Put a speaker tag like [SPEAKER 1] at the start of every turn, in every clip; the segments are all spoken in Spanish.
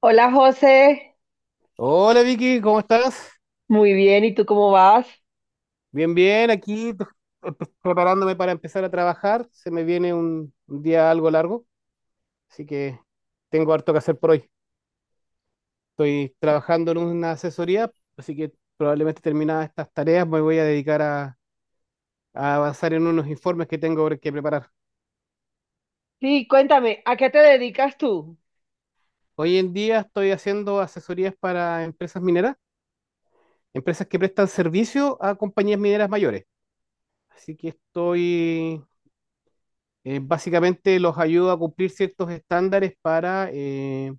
[SPEAKER 1] Hola José,
[SPEAKER 2] Hola Vicky, ¿cómo estás?
[SPEAKER 1] muy bien, ¿y tú cómo vas?
[SPEAKER 2] Bien, bien, aquí preparándome para empezar a trabajar. Se me viene un día algo largo, así que tengo harto que hacer por hoy. Estoy trabajando en una asesoría, así que probablemente terminadas estas tareas me voy a dedicar a avanzar en unos informes que tengo que preparar.
[SPEAKER 1] Sí, cuéntame, ¿a qué te dedicas tú?
[SPEAKER 2] Hoy en día estoy haciendo asesorías para empresas mineras, empresas que prestan servicio a compañías mineras mayores. Así que estoy básicamente los ayuda a cumplir ciertos estándares para, eh,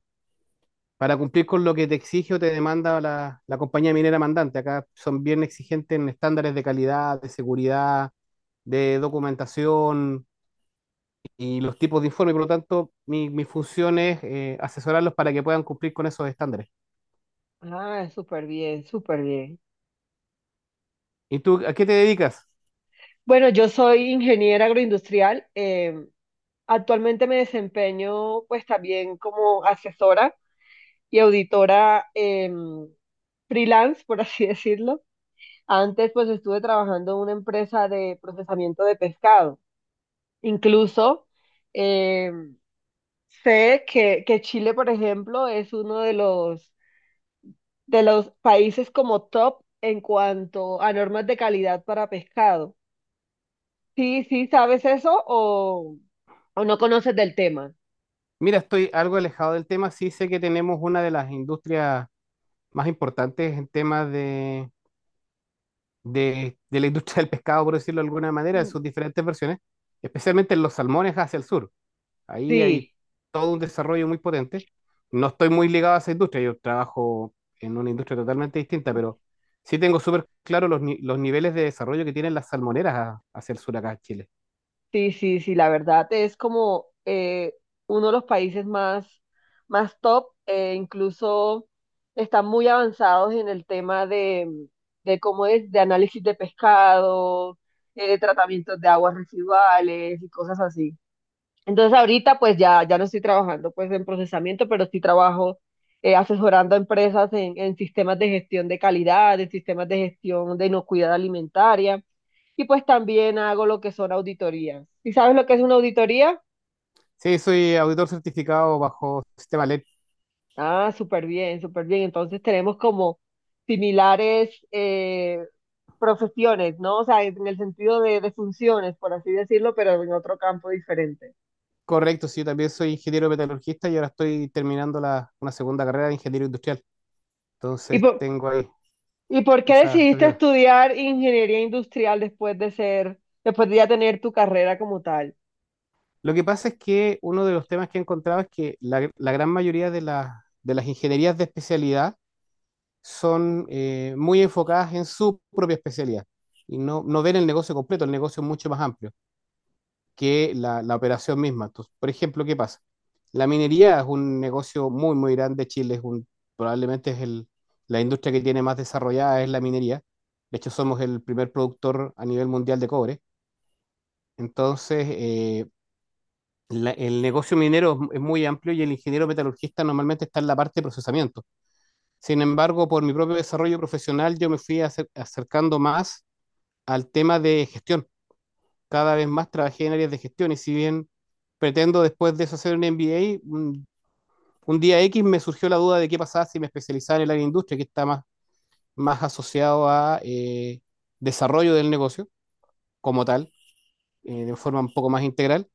[SPEAKER 2] para cumplir con lo que te exige o te demanda la compañía minera mandante. Acá son bien exigentes en estándares de calidad, de seguridad, de documentación y los tipos de informe. Por lo tanto, mi función es asesorarlos para que puedan cumplir con esos estándares.
[SPEAKER 1] Ah, súper bien, súper bien.
[SPEAKER 2] ¿Y tú a qué te dedicas?
[SPEAKER 1] Bueno, yo soy ingeniera agroindustrial, actualmente me desempeño pues también como asesora y auditora freelance, por así decirlo. Antes pues estuve trabajando en una empresa de procesamiento de pescado. Incluso em, sé que Chile, por ejemplo, es uno de los países como top en cuanto a normas de calidad para pescado. Sí, sí, ¿sabes eso o no conoces del tema?
[SPEAKER 2] Mira, estoy algo alejado del tema. Sí sé que tenemos una de las industrias más importantes en temas de la industria del pescado, por decirlo de alguna manera, en
[SPEAKER 1] Mm.
[SPEAKER 2] sus diferentes versiones, especialmente en los salmones hacia el sur. Ahí hay
[SPEAKER 1] Sí,
[SPEAKER 2] todo un desarrollo muy potente. No estoy muy ligado a esa industria, yo trabajo en una industria totalmente distinta, pero sí tengo súper claro los, ni- los niveles de desarrollo que tienen las salmoneras hacia el sur acá en Chile.
[SPEAKER 1] sí, sí, sí, la verdad es como uno de los países más, más top, incluso están muy avanzados en el tema de cómo es, de análisis de pescado, de tratamientos de aguas residuales y cosas así. Entonces ahorita pues ya, ya no estoy trabajando pues en procesamiento, pero sí trabajo asesorando a empresas en sistemas de gestión de calidad, en sistemas de gestión de inocuidad alimentaria y pues también hago lo que son auditorías. ¿Y sabes lo que es una auditoría?
[SPEAKER 2] Sí, soy auditor certificado bajo sistema LED.
[SPEAKER 1] Ah, súper bien, súper bien. Entonces tenemos como similares profesiones, ¿no? O sea, en el sentido de funciones, por así decirlo, pero en otro campo diferente.
[SPEAKER 2] Correcto, sí, yo también soy ingeniero metalurgista y ahora estoy terminando una segunda carrera de ingeniero industrial.
[SPEAKER 1] Y
[SPEAKER 2] Entonces
[SPEAKER 1] por,
[SPEAKER 2] tengo ahí
[SPEAKER 1] ¿Y por qué
[SPEAKER 2] esa
[SPEAKER 1] decidiste
[SPEAKER 2] figura.
[SPEAKER 1] estudiar ingeniería industrial después de ser, después de ya tener tu carrera como tal?
[SPEAKER 2] Lo que pasa es que uno de los temas que he encontrado es que la gran mayoría de las ingenierías de especialidad son muy enfocadas en su propia especialidad y no ven el negocio completo, el negocio es mucho más amplio que la operación misma. Entonces, por ejemplo, ¿qué pasa? La minería es un negocio muy, muy grande. Chile es un, probablemente es el, la industria que tiene más desarrollada, es la minería. De hecho, somos el primer productor a nivel mundial de cobre. Entonces, el negocio minero es muy amplio y el ingeniero metalurgista normalmente está en la parte de procesamiento. Sin embargo, por mi propio desarrollo profesional, yo me fui acercando más al tema de gestión. Cada vez más trabajé en áreas de gestión y si bien pretendo después de eso hacer un MBA, un día X me surgió la duda de qué pasaba si me especializaba en el área de industria, que está más asociado a desarrollo del negocio como tal, de forma un poco más integral.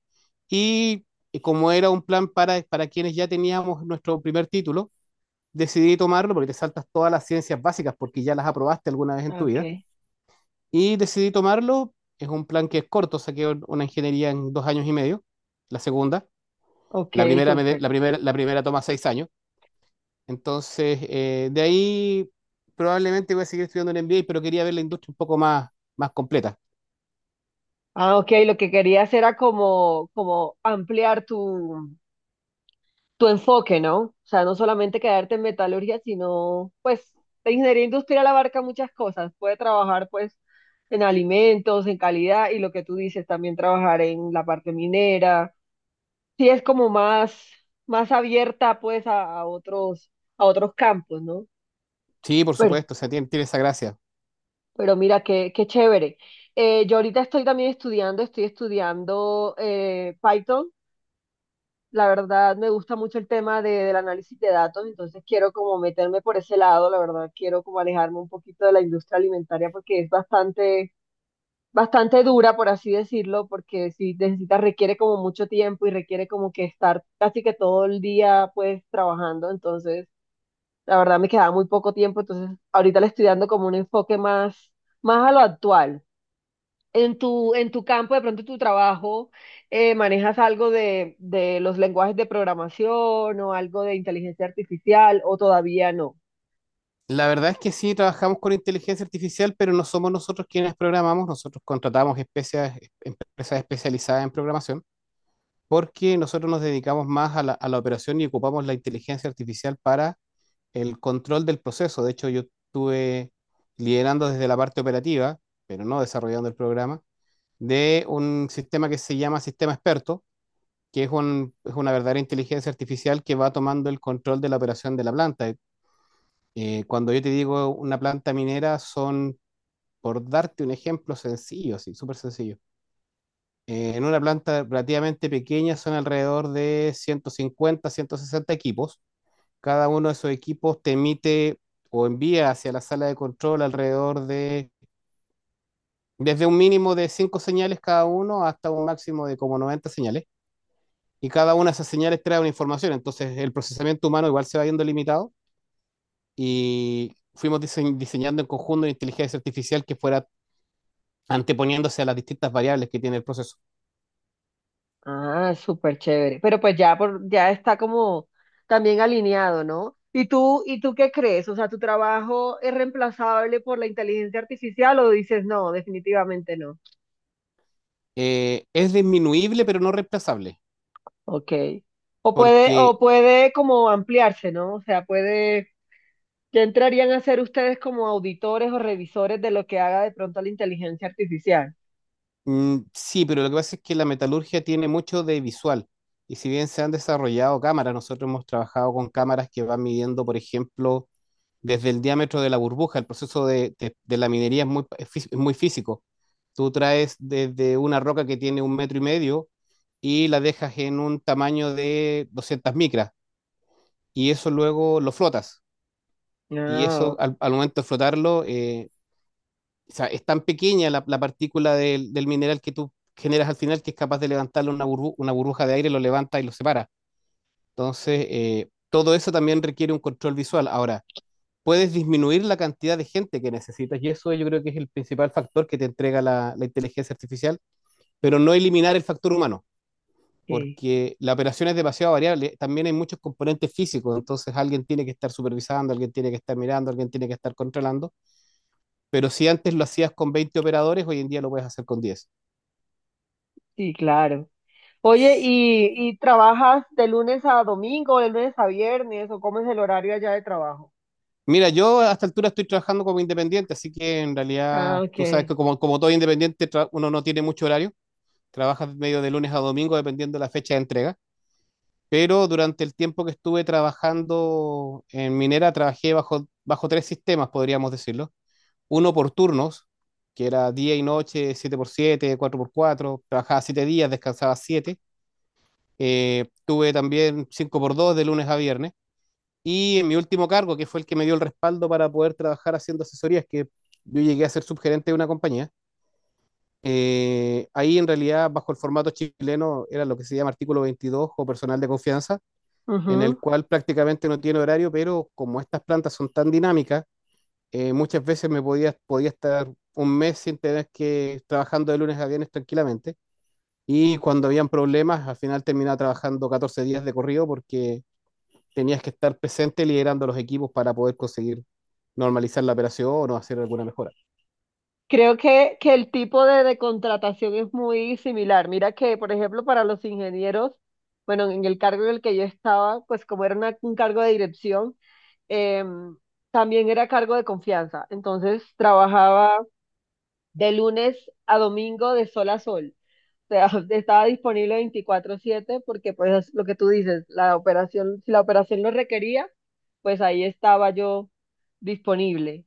[SPEAKER 2] Y como era un plan para quienes ya teníamos nuestro primer título, decidí tomarlo porque te saltas todas las ciencias básicas porque ya las aprobaste alguna vez en
[SPEAKER 1] Ah,
[SPEAKER 2] tu vida.
[SPEAKER 1] ok.
[SPEAKER 2] Y decidí tomarlo. Es un plan que es corto, saqué una ingeniería en 2 años y medio, la segunda.
[SPEAKER 1] Ok,
[SPEAKER 2] La primera, me de-
[SPEAKER 1] súper.
[SPEAKER 2] la primera, la primera toma 6 años. Entonces, de ahí probablemente voy a seguir estudiando en MBA, pero quería ver la industria un poco más completa.
[SPEAKER 1] Ah, ok, lo que querías era como, como ampliar tu, tu enfoque, ¿no? O sea, no solamente quedarte en metalurgia, sino, pues, la ingeniería industrial abarca muchas cosas. Puede trabajar, pues, en alimentos, en calidad, y lo que tú dices, también trabajar en la parte minera sí es como más, más abierta pues a otros campos, ¿no?
[SPEAKER 2] Sí, por
[SPEAKER 1] Pero,
[SPEAKER 2] supuesto, o sea, tiene esa gracia.
[SPEAKER 1] pero mira, qué, qué chévere. Yo ahorita estoy también estudiando, estoy estudiando Python. La verdad me gusta mucho el tema de- del análisis de datos, entonces quiero como meterme por ese lado, la verdad quiero como alejarme un poquito de la industria alimentaria porque es bastante, bastante dura, por así decirlo, porque si necesitas, requiere como mucho tiempo y requiere como que estar casi que todo el día pues trabajando, entonces... La verdad me quedaba muy poco tiempo, entonces ahorita le estoy dando como un enfoque más, más a lo actual. En tu campo, de pronto en tu trabajo, ¿manejas algo de los lenguajes de programación o algo de inteligencia artificial o todavía no?
[SPEAKER 2] La verdad es que sí, trabajamos con inteligencia artificial, pero no somos nosotros quienes programamos, nosotros contratamos empresas especializadas en programación, porque nosotros nos dedicamos más a la operación y ocupamos la inteligencia artificial para el control del proceso. De hecho, yo estuve liderando desde la parte operativa, pero no desarrollando el programa, de un sistema que se llama Sistema Experto, que es una verdadera inteligencia artificial que va tomando el control de la operación de la planta. Cuando yo te digo una planta minera, son, por darte un ejemplo sencillo, sí, súper sencillo. En una planta relativamente pequeña son alrededor de 150, 160 equipos. Cada uno de esos equipos te emite o envía hacia la sala de control desde un mínimo de 5 señales cada uno hasta un máximo de como 90 señales. Y cada una de esas señales trae una información. Entonces el procesamiento humano igual se va viendo limitado. Y fuimos diseñando en conjunto una inteligencia artificial que fuera anteponiéndose a las distintas variables que tiene el proceso.
[SPEAKER 1] Ah, súper chévere. Pero pues ya, por, ya está como también alineado, ¿no? Y tú qué crees? O sea, ¿tu trabajo es reemplazable por la inteligencia artificial o dices no, definitivamente no?
[SPEAKER 2] Es disminuible, pero no reemplazable,
[SPEAKER 1] Ok.
[SPEAKER 2] porque.
[SPEAKER 1] O puede como ampliarse, ¿no? O sea, puede, ya entrarían a ser ustedes como auditores o revisores de lo que haga de pronto la inteligencia artificial.
[SPEAKER 2] Mm, sí, pero lo que pasa es que la metalurgia tiene mucho de visual. Y si bien se han desarrollado cámaras, nosotros hemos trabajado con cámaras que van midiendo, por ejemplo, desde el diámetro de la burbuja. El proceso de la minería es muy físico. Tú traes desde una roca que tiene un metro y medio y la dejas en un tamaño de 200 micras y eso luego lo flotas. Y eso
[SPEAKER 1] Ah,
[SPEAKER 2] al momento de flotarlo, o sea, es tan pequeña la partícula del mineral que tú generas al final que es capaz de levantarle una burbuja de aire, lo levanta y lo separa. Entonces, todo eso también requiere un control visual. Ahora, puedes disminuir la cantidad de gente que necesitas y eso yo creo que es el principal factor que te entrega la inteligencia artificial, pero no eliminar el factor humano,
[SPEAKER 1] sí,
[SPEAKER 2] porque la operación es demasiado variable. También hay muchos componentes físicos, entonces alguien tiene que estar supervisando, alguien tiene que estar mirando, alguien tiene que estar controlando. Pero si antes lo hacías con 20 operadores, hoy en día lo puedes hacer con 10.
[SPEAKER 1] sí, claro. Oye, y trabajas de lunes a domingo, de lunes a viernes, o cómo es el horario allá de trabajo?
[SPEAKER 2] Mira, yo a esta altura estoy trabajando como independiente, así que en realidad
[SPEAKER 1] Ah,
[SPEAKER 2] tú sabes
[SPEAKER 1] ok.
[SPEAKER 2] que como todo independiente uno no tiene mucho horario, trabajas medio de lunes a domingo dependiendo de la fecha de entrega, pero durante el tiempo que estuve trabajando en minera trabajé bajo tres sistemas, podríamos decirlo. Uno por turnos, que era día y noche, siete por siete, cuatro por cuatro, trabajaba 7 días, descansaba 7. Tuve también cinco por dos de lunes a viernes. Y en mi último cargo, que fue el que me dio el respaldo para poder trabajar haciendo asesorías, que yo llegué a ser subgerente de una compañía, ahí en realidad bajo el formato chileno era lo que se llama artículo 22 o personal de confianza, en
[SPEAKER 1] Ujú.
[SPEAKER 2] el cual prácticamente no tiene horario, pero como estas plantas son tan dinámicas, muchas veces me podía estar un mes sin tener que trabajando de lunes a viernes tranquilamente. Y cuando habían problemas, al final terminaba trabajando 14 días de corrido porque tenías que estar presente liderando los equipos para poder conseguir normalizar la operación o hacer alguna mejora.
[SPEAKER 1] Creo que el tipo de contratación es muy similar. Mira que, por ejemplo, para los ingenieros, bueno, en el cargo en el que yo estaba, pues como era una- un cargo de dirección, em, también era cargo de confianza. Entonces trabajaba de lunes a domingo de sol a sol. O sea, estaba disponible 24/7 porque, pues, es lo que tú dices, la operación, si la operación lo requería, pues ahí estaba yo disponible.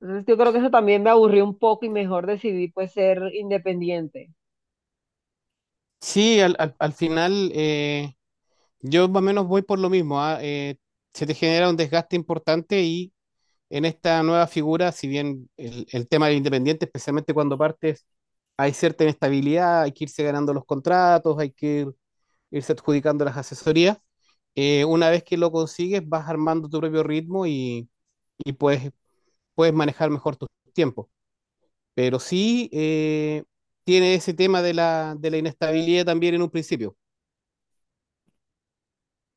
[SPEAKER 1] Entonces yo creo que eso también me aburrió un poco y mejor decidí pues ser independiente.
[SPEAKER 2] Sí, al final, yo más o menos voy por lo mismo. Se te genera un desgaste importante y en esta nueva figura, si bien el tema del independiente, especialmente cuando partes, hay cierta inestabilidad, hay que irse ganando los contratos, hay que irse adjudicando las asesorías. Una vez que lo consigues, vas armando tu propio ritmo y puedes manejar mejor tus tiempos. Pero sí tiene ese tema de la inestabilidad también en un principio.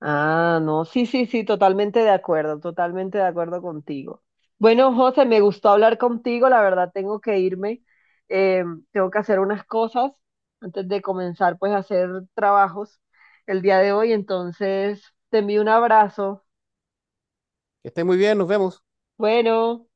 [SPEAKER 1] Ah, no, sí, sí, sí, totalmente de acuerdo contigo. Bueno, José, me gustó hablar contigo, la verdad tengo que irme, eh, tengo que hacer unas cosas antes de comenzar pues a hacer trabajos el día de hoy, entonces te envío un abrazo.
[SPEAKER 2] Que esté muy bien, nos vemos.
[SPEAKER 1] Bueno.